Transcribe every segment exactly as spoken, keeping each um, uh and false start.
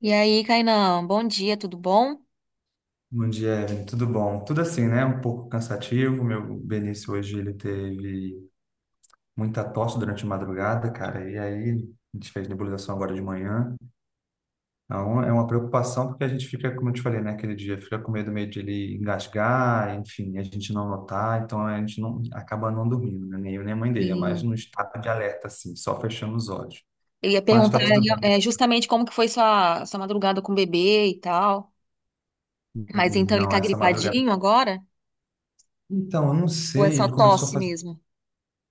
E aí, Kainan, bom dia, tudo bom? Bom dia, Evelyn. Tudo bom? Tudo assim, né? Um pouco cansativo. Meu Benício hoje ele teve muita tosse durante a madrugada, cara. E aí a gente fez nebulização agora de manhã. Então é uma preocupação porque a gente fica, como eu te falei, né? Aquele dia fica com medo meio de ele engasgar, enfim, a gente não notar. Então a gente não acaba não dormindo, né? Nem eu nem a mãe dele, é mais Sim. no estado de alerta, assim, só fechando os olhos. Eu ia Mas tá perguntar tudo bem, é, graças justamente como que foi sua, sua madrugada com o bebê e tal. a Mas Deus. então ele Não, tá essa madrugada. gripadinho agora? Então, eu não Ou é sei. só Ele começou a tosse fazer. mesmo?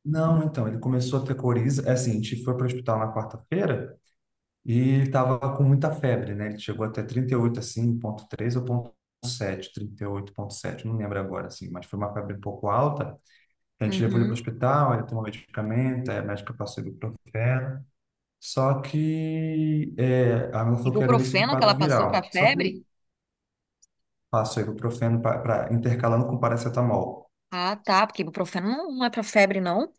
Não, então, ele começou a ter coriza. É assim, a gente foi para o hospital na quarta-feira e ele estava com muita febre, né? Ele chegou até trinta e oito assim, ponto três, ou ponto sete, trinta e oito ponto sete, não lembro agora, assim, mas foi uma febre um pouco alta. A gente levou ele para o Uhum. hospital, ele tomou medicamento, aí a médica passou ibuprofeno. Só que é, a minha falou que era início de Ibuprofeno que quadro ela passou pra viral. Só que ele febre? passou ibuprofeno para intercalando com paracetamol. Ah, tá, porque ibuprofeno não, não é pra febre, não.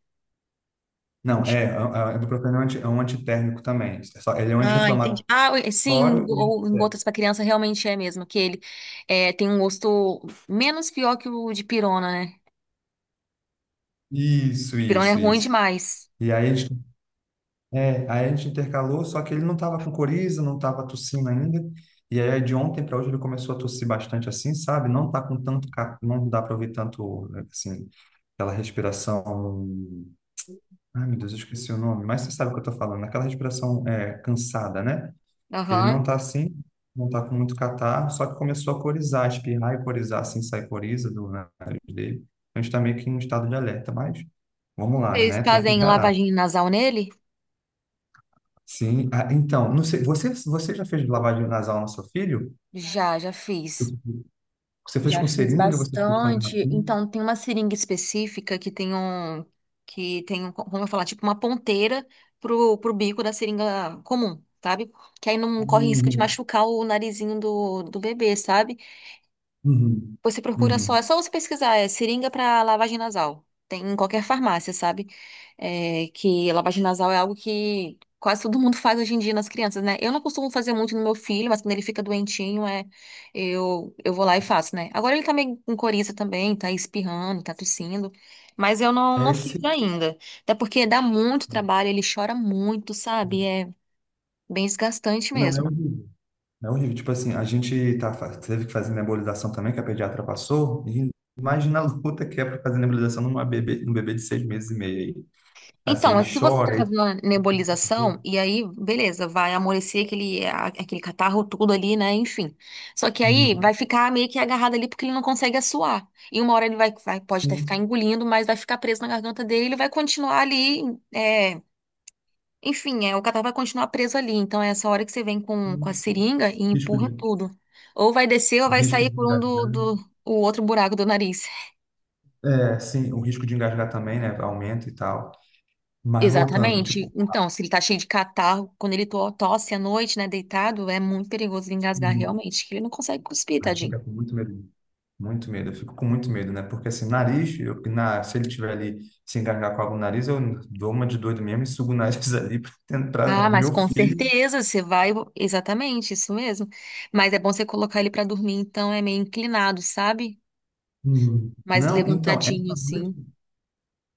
Não, é, a, a ibuprofeno é um anti- é um antitérmico também. É só- Ele é um Ah, anti-inflamatório. entendi. Ah, ui, sim, um go- em gotas pra criança realmente é mesmo, que ele é, tem um gosto menos pior que o de pirona, né? Isso, Pirona é isso, ruim isso. demais. E aí a gente, é, aí a gente intercalou, só que ele não estava com coriza, não estava tossindo ainda. E aí de ontem para hoje ele começou a tossir bastante assim, sabe? Não tá com tanto, ca- não dá para ouvir tanto, assim, aquela respiração. Ai, meu Deus, eu esqueci o nome, mas você sabe o que eu tô falando, aquela respiração é, cansada, né? Ele não Aham. tá assim, não tá com muito catarro, só que começou a corizar, espirrar e corizar, assim, sai coriza do nariz dele. Então, a gente tá meio que em um estado de alerta, mas vamos lá, Vocês né? Tem que fazem encarar. lavagem nasal nele? Sim, ah, então, não sei, você, você já fez lavagem nasal no seu filho? Já, já fiz. Você fez Já com fiz seringa, você fez com a bastante. garrafinha? Então, tem uma seringa específica que tem um, que tem um, como eu falar, tipo uma ponteira pro, pro bico da seringa comum, sabe? Que aí não corre risco de Uhum, machucar o narizinho do, do bebê, sabe? uhum, Você procura só, uhum. é só você pesquisar, é seringa para lavagem nasal. Tem em qualquer farmácia, sabe? É, que lavagem nasal é algo que quase todo mundo faz hoje em dia nas crianças, né? Eu não costumo fazer muito no meu filho, mas quando ele fica doentinho, é, eu, eu vou lá e faço, né? Agora ele tá meio com coriza também, tá espirrando, tá tossindo, mas eu não, É não esse, fiz ainda. Até porque dá muito trabalho, ele chora muito, sabe? É bem desgastante não é mesmo. o. É horrível. Tipo assim, a gente tá, fa- teve que fazer nebulização também, que a pediatra passou. E imagina a luta que é para fazer nebulização numa bebê, num bebê de seis meses e meio aí. Assim, Então, ele se você tá chora. fazendo a Ele... nebulização, e aí, beleza, vai amolecer aquele, a- aquele catarro tudo ali, né? Enfim. Só que aí vai Uhum. ficar meio que agarrado ali porque ele não consegue assoar. E uma hora ele vai, vai- pode até ficar Sim. engolindo, mas vai ficar preso na garganta dele, ele vai continuar ali, é, enfim, é, o catarro vai continuar preso ali. Então é essa hora que você vem com, com a Sim. seringa e Risco empurra de, tudo. Ou vai descer ou vai risco sair de por um do, engasgar. do o outro buraco do nariz. É, sim, o risco de engasgar também, né? Aumenta e tal. Mas voltando, Exatamente. tipo, Então, se ele tá cheio de catarro, quando ele to- tosse à noite, né, deitado, é muito perigoso ele engasgar uhum, realmente, que ele não consegue cuspir, a gente tadinho. fica com muito medo. Muito medo, eu fico com muito medo, né? Porque assim, nariz, eu, na, se ele tiver ali se engasgar com algo no nariz, eu dou uma de doido mesmo e sugo o nariz ali para Ah, tentar mas meu com filho. certeza você vai. Exatamente, isso mesmo. Mas é bom você colocar ele pra dormir, então é meio inclinado, sabe? Hum. Mais Não, então, levantadinho, essa assim. noite.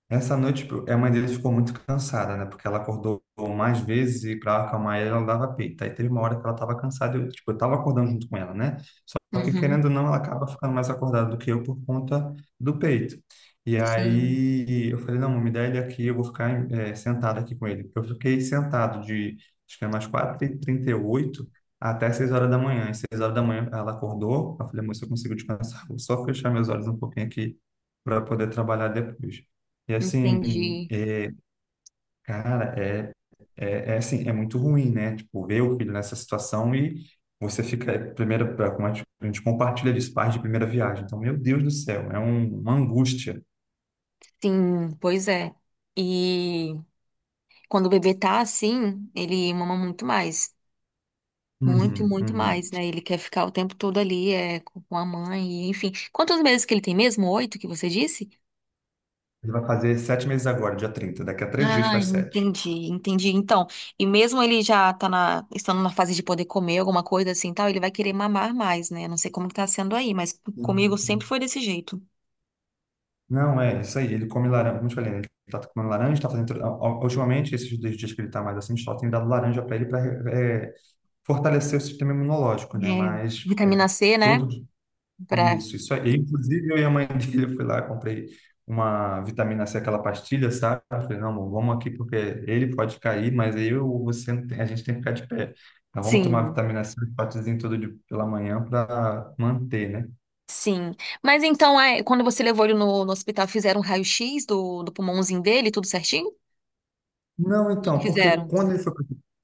Essa noite, tipo, a mãe dele ficou muito cansada, né? Porque ela acordou mais vezes e para acalmar ela, ela dava peito. Aí teve uma hora que ela estava cansada, eu, tipo, eu estava acordando junto com ela, né? Só que, Uhum. querendo ou não, ela acaba ficando mais acordada do que eu por conta do peito. E Sim, aí eu falei, não, me dá ele aqui, eu vou ficar eh, sentado aqui com ele. Eu fiquei sentado de, acho que é mais quatro e trinta e oito até seis horas da manhã. E seis horas da manhã ela acordou, eu falei, moça, eu consigo descansar, vou só fechar meus olhos um pouquinho aqui para poder trabalhar depois. E assim, entendi. é, cara, é, é, é assim, é muito ruim, né? Tipo, ver o filho nessa situação e você fica, é, primeira, como a gente a gente compartilha disso, pais de primeira viagem. Então, meu Deus do céu, é um- uma angústia. Sim, pois é. E quando o bebê tá assim, ele mama muito mais. Muito, Uhum, muito uhum. mais, né? Ele quer ficar o tempo todo ali, é, com com a mãe, e, enfim. Quantos meses que ele tem mesmo? Oito que você disse? Ele vai fazer sete meses agora, dia trinta daqui a três dias Ah, faz sete. entendi, entendi. Então, e mesmo ele já tá na, estando na fase de poder comer alguma coisa assim, e tal, ele vai querer mamar mais, né? Não sei como que tá sendo aí, mas comigo sempre Uhum. foi desse jeito. Não, é isso aí, ele come laranja, como eu te falei, né? Ele tá comendo laranja, tá fazendo, a- a- ultimamente, esses dois dias que ele tá mais assim, a gente só tem dado laranja para ele para fortalecer o sistema imunológico, né? É, Mas... é, vitamina C, né? todo. Pra... Isso, isso aí. Inclusive, eu e a mãe dele, eu fui lá, comprei uma vitamina C, aquela pastilha, sabe? Eu falei, não, amor, vamos aqui porque ele pode cair, mas eu ou você, não tem- a gente tem que ficar de pé. Então, vamos tomar Sim, vitamina C, um potezinho todo de, pela manhã para manter, né? sim. Mas então, é, quando você levou ele no, no hospital, fizeram um raio-x do, do pulmãozinho dele, tudo certinho? Não, então, porque Fizeram. quando ele foi,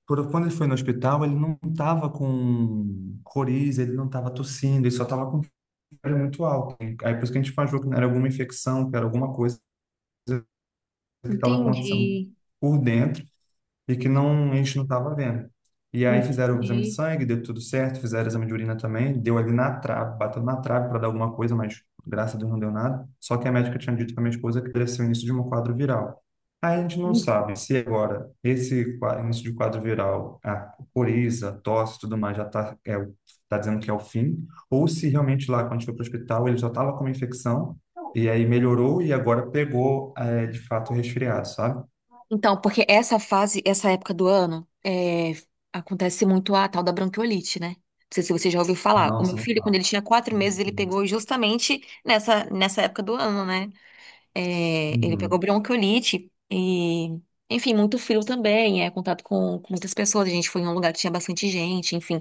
pro- quando ele foi no hospital, ele não estava com coriza, ele não estava tossindo, ele só estava com febre muito alta. Aí, por isso que a gente achou que era alguma infecção, que era alguma coisa que estava acontecendo Entendi. por dentro e que não, a gente não estava vendo. E aí fizeram o exame de Entendi. sangue, deu tudo certo, fizeram o exame de urina também, deu ali na trave, bateu na trave para dar alguma coisa, mas graças a Deus não deu nada. Só que a médica tinha dito para minha esposa que poderia ser o início de um quadro viral. Aí a gente não sabe se agora esse qua- início de quadro viral, a coriza, tosse, tudo mais, já está é, o- tá dizendo que é o fim, ou se realmente lá, quando a gente foi para o hospital, ele já estava com uma infecção, e aí melhorou e agora pegou, é, de fato, o resfriado, sabe? Então, porque essa fase, essa época do ano, é, acontece muito a tal da bronquiolite, né? Não sei se você já ouviu falar. O Nossa, meu não filho, quando fala. ele tinha quatro meses, ele pegou justamente nessa, nessa época do ano, né? É, ele pegou Uhum, bronquiolite e, enfim, muito frio também, é, contato com, com muitas pessoas, a gente foi em um lugar que tinha bastante gente, enfim.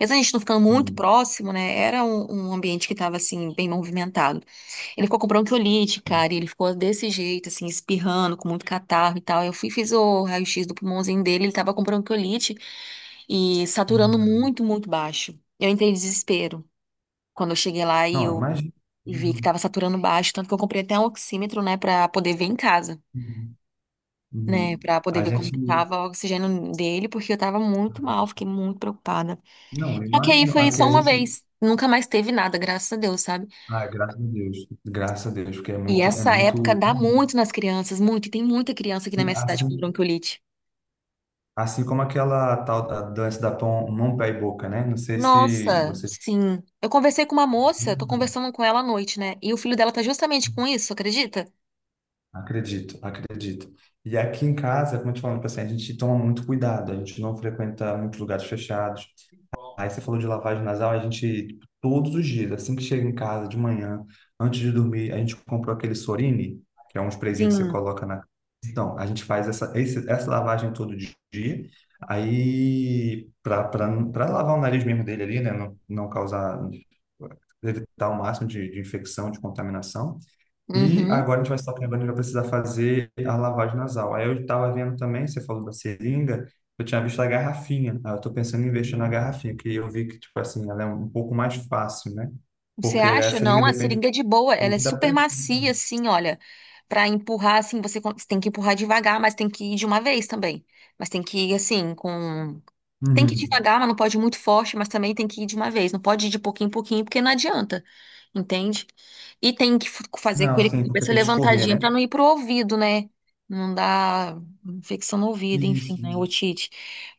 Mesmo a gente não ficando muito uhum, próximo, né, era um, um ambiente que estava, assim, bem movimentado. Ele ficou com bronquiolite, uhum. cara, e ele ficou desse jeito, assim, espirrando, com muito catarro e tal. Eu fui e fiz o raio-x do pulmãozinho dele, ele tava com bronquiolite e saturando Ah, muito, muito baixo. Eu entrei em desespero. Quando eu cheguei lá e não, eu imagina. e vi que Uhum, estava saturando baixo, tanto que eu comprei até um oxímetro, né, para poder ver em casa, uhum, né, uhum. para poder A ver como gente. que tava o oxigênio dele, porque eu tava muito mal, fiquei muito preocupada. Não, eu Só que aí imagino. foi Aqui só a uma gente. vez, nunca mais teve nada, graças a Deus, sabe? Ah, graças a Deus. Graças a Deus, porque é E muito, é essa época muito. dá muito nas crianças, muito, e tem muita criança aqui na Assim, minha cidade com assim, bronquiolite. assim como aquela tal da dança da pão, mão, pé e boca, né? Não sei se Nossa, você. sim. Eu conversei com uma moça, tô conversando com ela à noite, né? E o filho dela tá justamente com isso, acredita? Acredito, acredito. E aqui em casa, como eu te falando tipo assim, a gente toma muito cuidado, a gente não frequenta muitos lugares fechados. Aí você falou de lavagem nasal, a gente, tipo, todos os dias, assim que chega em casa de manhã, antes de dormir, a gente comprou aquele Sorine, que é um sprayzinho que você Sim. coloca na. Então, a gente faz essa, esse- essa lavagem todo dia, aí para lavar o nariz mesmo dele ali, né? Não, não causar, evitar o máximo de, de infecção, de contaminação. E Uhum. agora a gente vai estar lembrando que vai precisar fazer a lavagem nasal. Aí eu estava vendo também, você falou da seringa, eu tinha visto a garrafinha. Aí eu estou pensando em investir na garrafinha, porque eu vi que, tipo assim, ela é um pouco mais fácil, né? Você Porque a acha? seringa Não, a depende seringa é de boa, ela é muito da super pressão. macia, assim, olha. Pra empurrar, assim, você con- você tem que empurrar devagar, mas tem que ir de uma vez também. Mas tem que ir, assim, com tem que ir Uhum. devagar, mas não pode ir muito forte, mas também tem que ir de uma vez. Não pode ir de pouquinho em pouquinho, porque não adianta, entende? E tem que f- fazer Não, com ele com a sim, porque cabeça tem que escorrer, levantadinha né? para não ir pro ouvido, né? Não dar infecção no ouvido, enfim, Isso. né? Otite.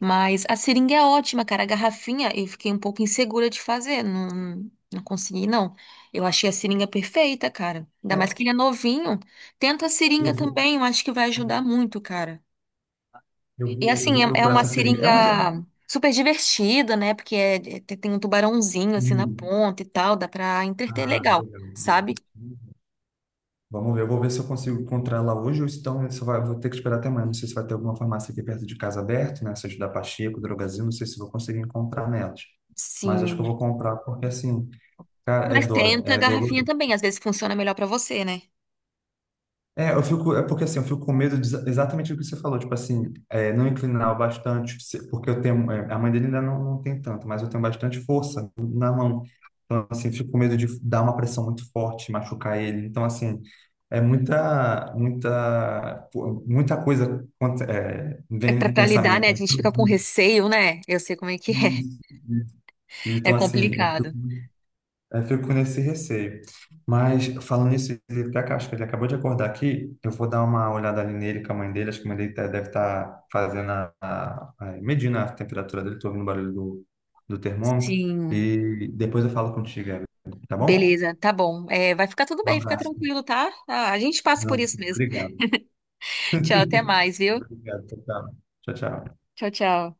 Mas a seringa é ótima, cara. A garrafinha eu fiquei um pouco insegura de fazer. Não, não consegui, não. Eu achei a seringa perfeita, cara. Ainda É, mais que ele é novinho. Tenta a eu seringa vou, também, eu acho que vai ajudar muito, cara. eu E vou, eu assim, vou é, é procurar uma essa seringa. É uma, é uma... seringa super divertida, né? Porque é- é- tem tem um tubarãozinho assim na Hum. ponta e tal, dá pra entreter Ah, legal, legal. sabe? Vamos ver, eu vou ver se eu consigo encontrar ela hoje ou então se vai, vou ter que esperar até amanhã. Não sei se vai ter alguma farmácia aqui perto de casa aberta, né? Seja da Pacheco, Drogasil, não sei se vou conseguir encontrar nelas. Mas acho que Sim. eu vou comprar porque, assim, cara, é, Mas do, tenta a é garrafinha doloroso. também, às vezes funciona melhor pra você, né? É, eu fico, é porque assim, eu fico com medo de exa- exatamente o que você falou, tipo assim, é, não inclinar o bastante, se- porque eu tenho, é, a mãe dele ainda não, não tem tanto, mas eu tenho bastante força na mão. Então, assim, eu fico com medo de dar uma pressão muito forte, machucar ele. Então, assim, é muita, muita, pô, muita coisa contra- é, É vem pra, de pra lidar, né? pensamento. A Né? gente fica com receio, né? Eu sei como é que Então, é. assim, isso, isso. É Então, assim, complicado. é, eu fico com esse receio. Mas falando nisso, ele até ac- acho que ele acabou de acordar aqui. Eu vou dar uma olhada ali nele com a mãe dele. Acho que a mãe dele tá- deve estar fazendo a, a- a- medindo a temperatura dele. Estou ouvindo o barulho do, do termômetro. Sim, E depois eu falo contigo, Evelyn, tá bom? beleza, tá bom. É, vai ficar tudo Um bem, fica abraço. tranquilo, tá? Ah, a gente passa Não, por isso mesmo. obrigado. Tchau, até mais, viu? Obrigado. Tchau, tchau. Tchau, tchau. Tchau, tchau.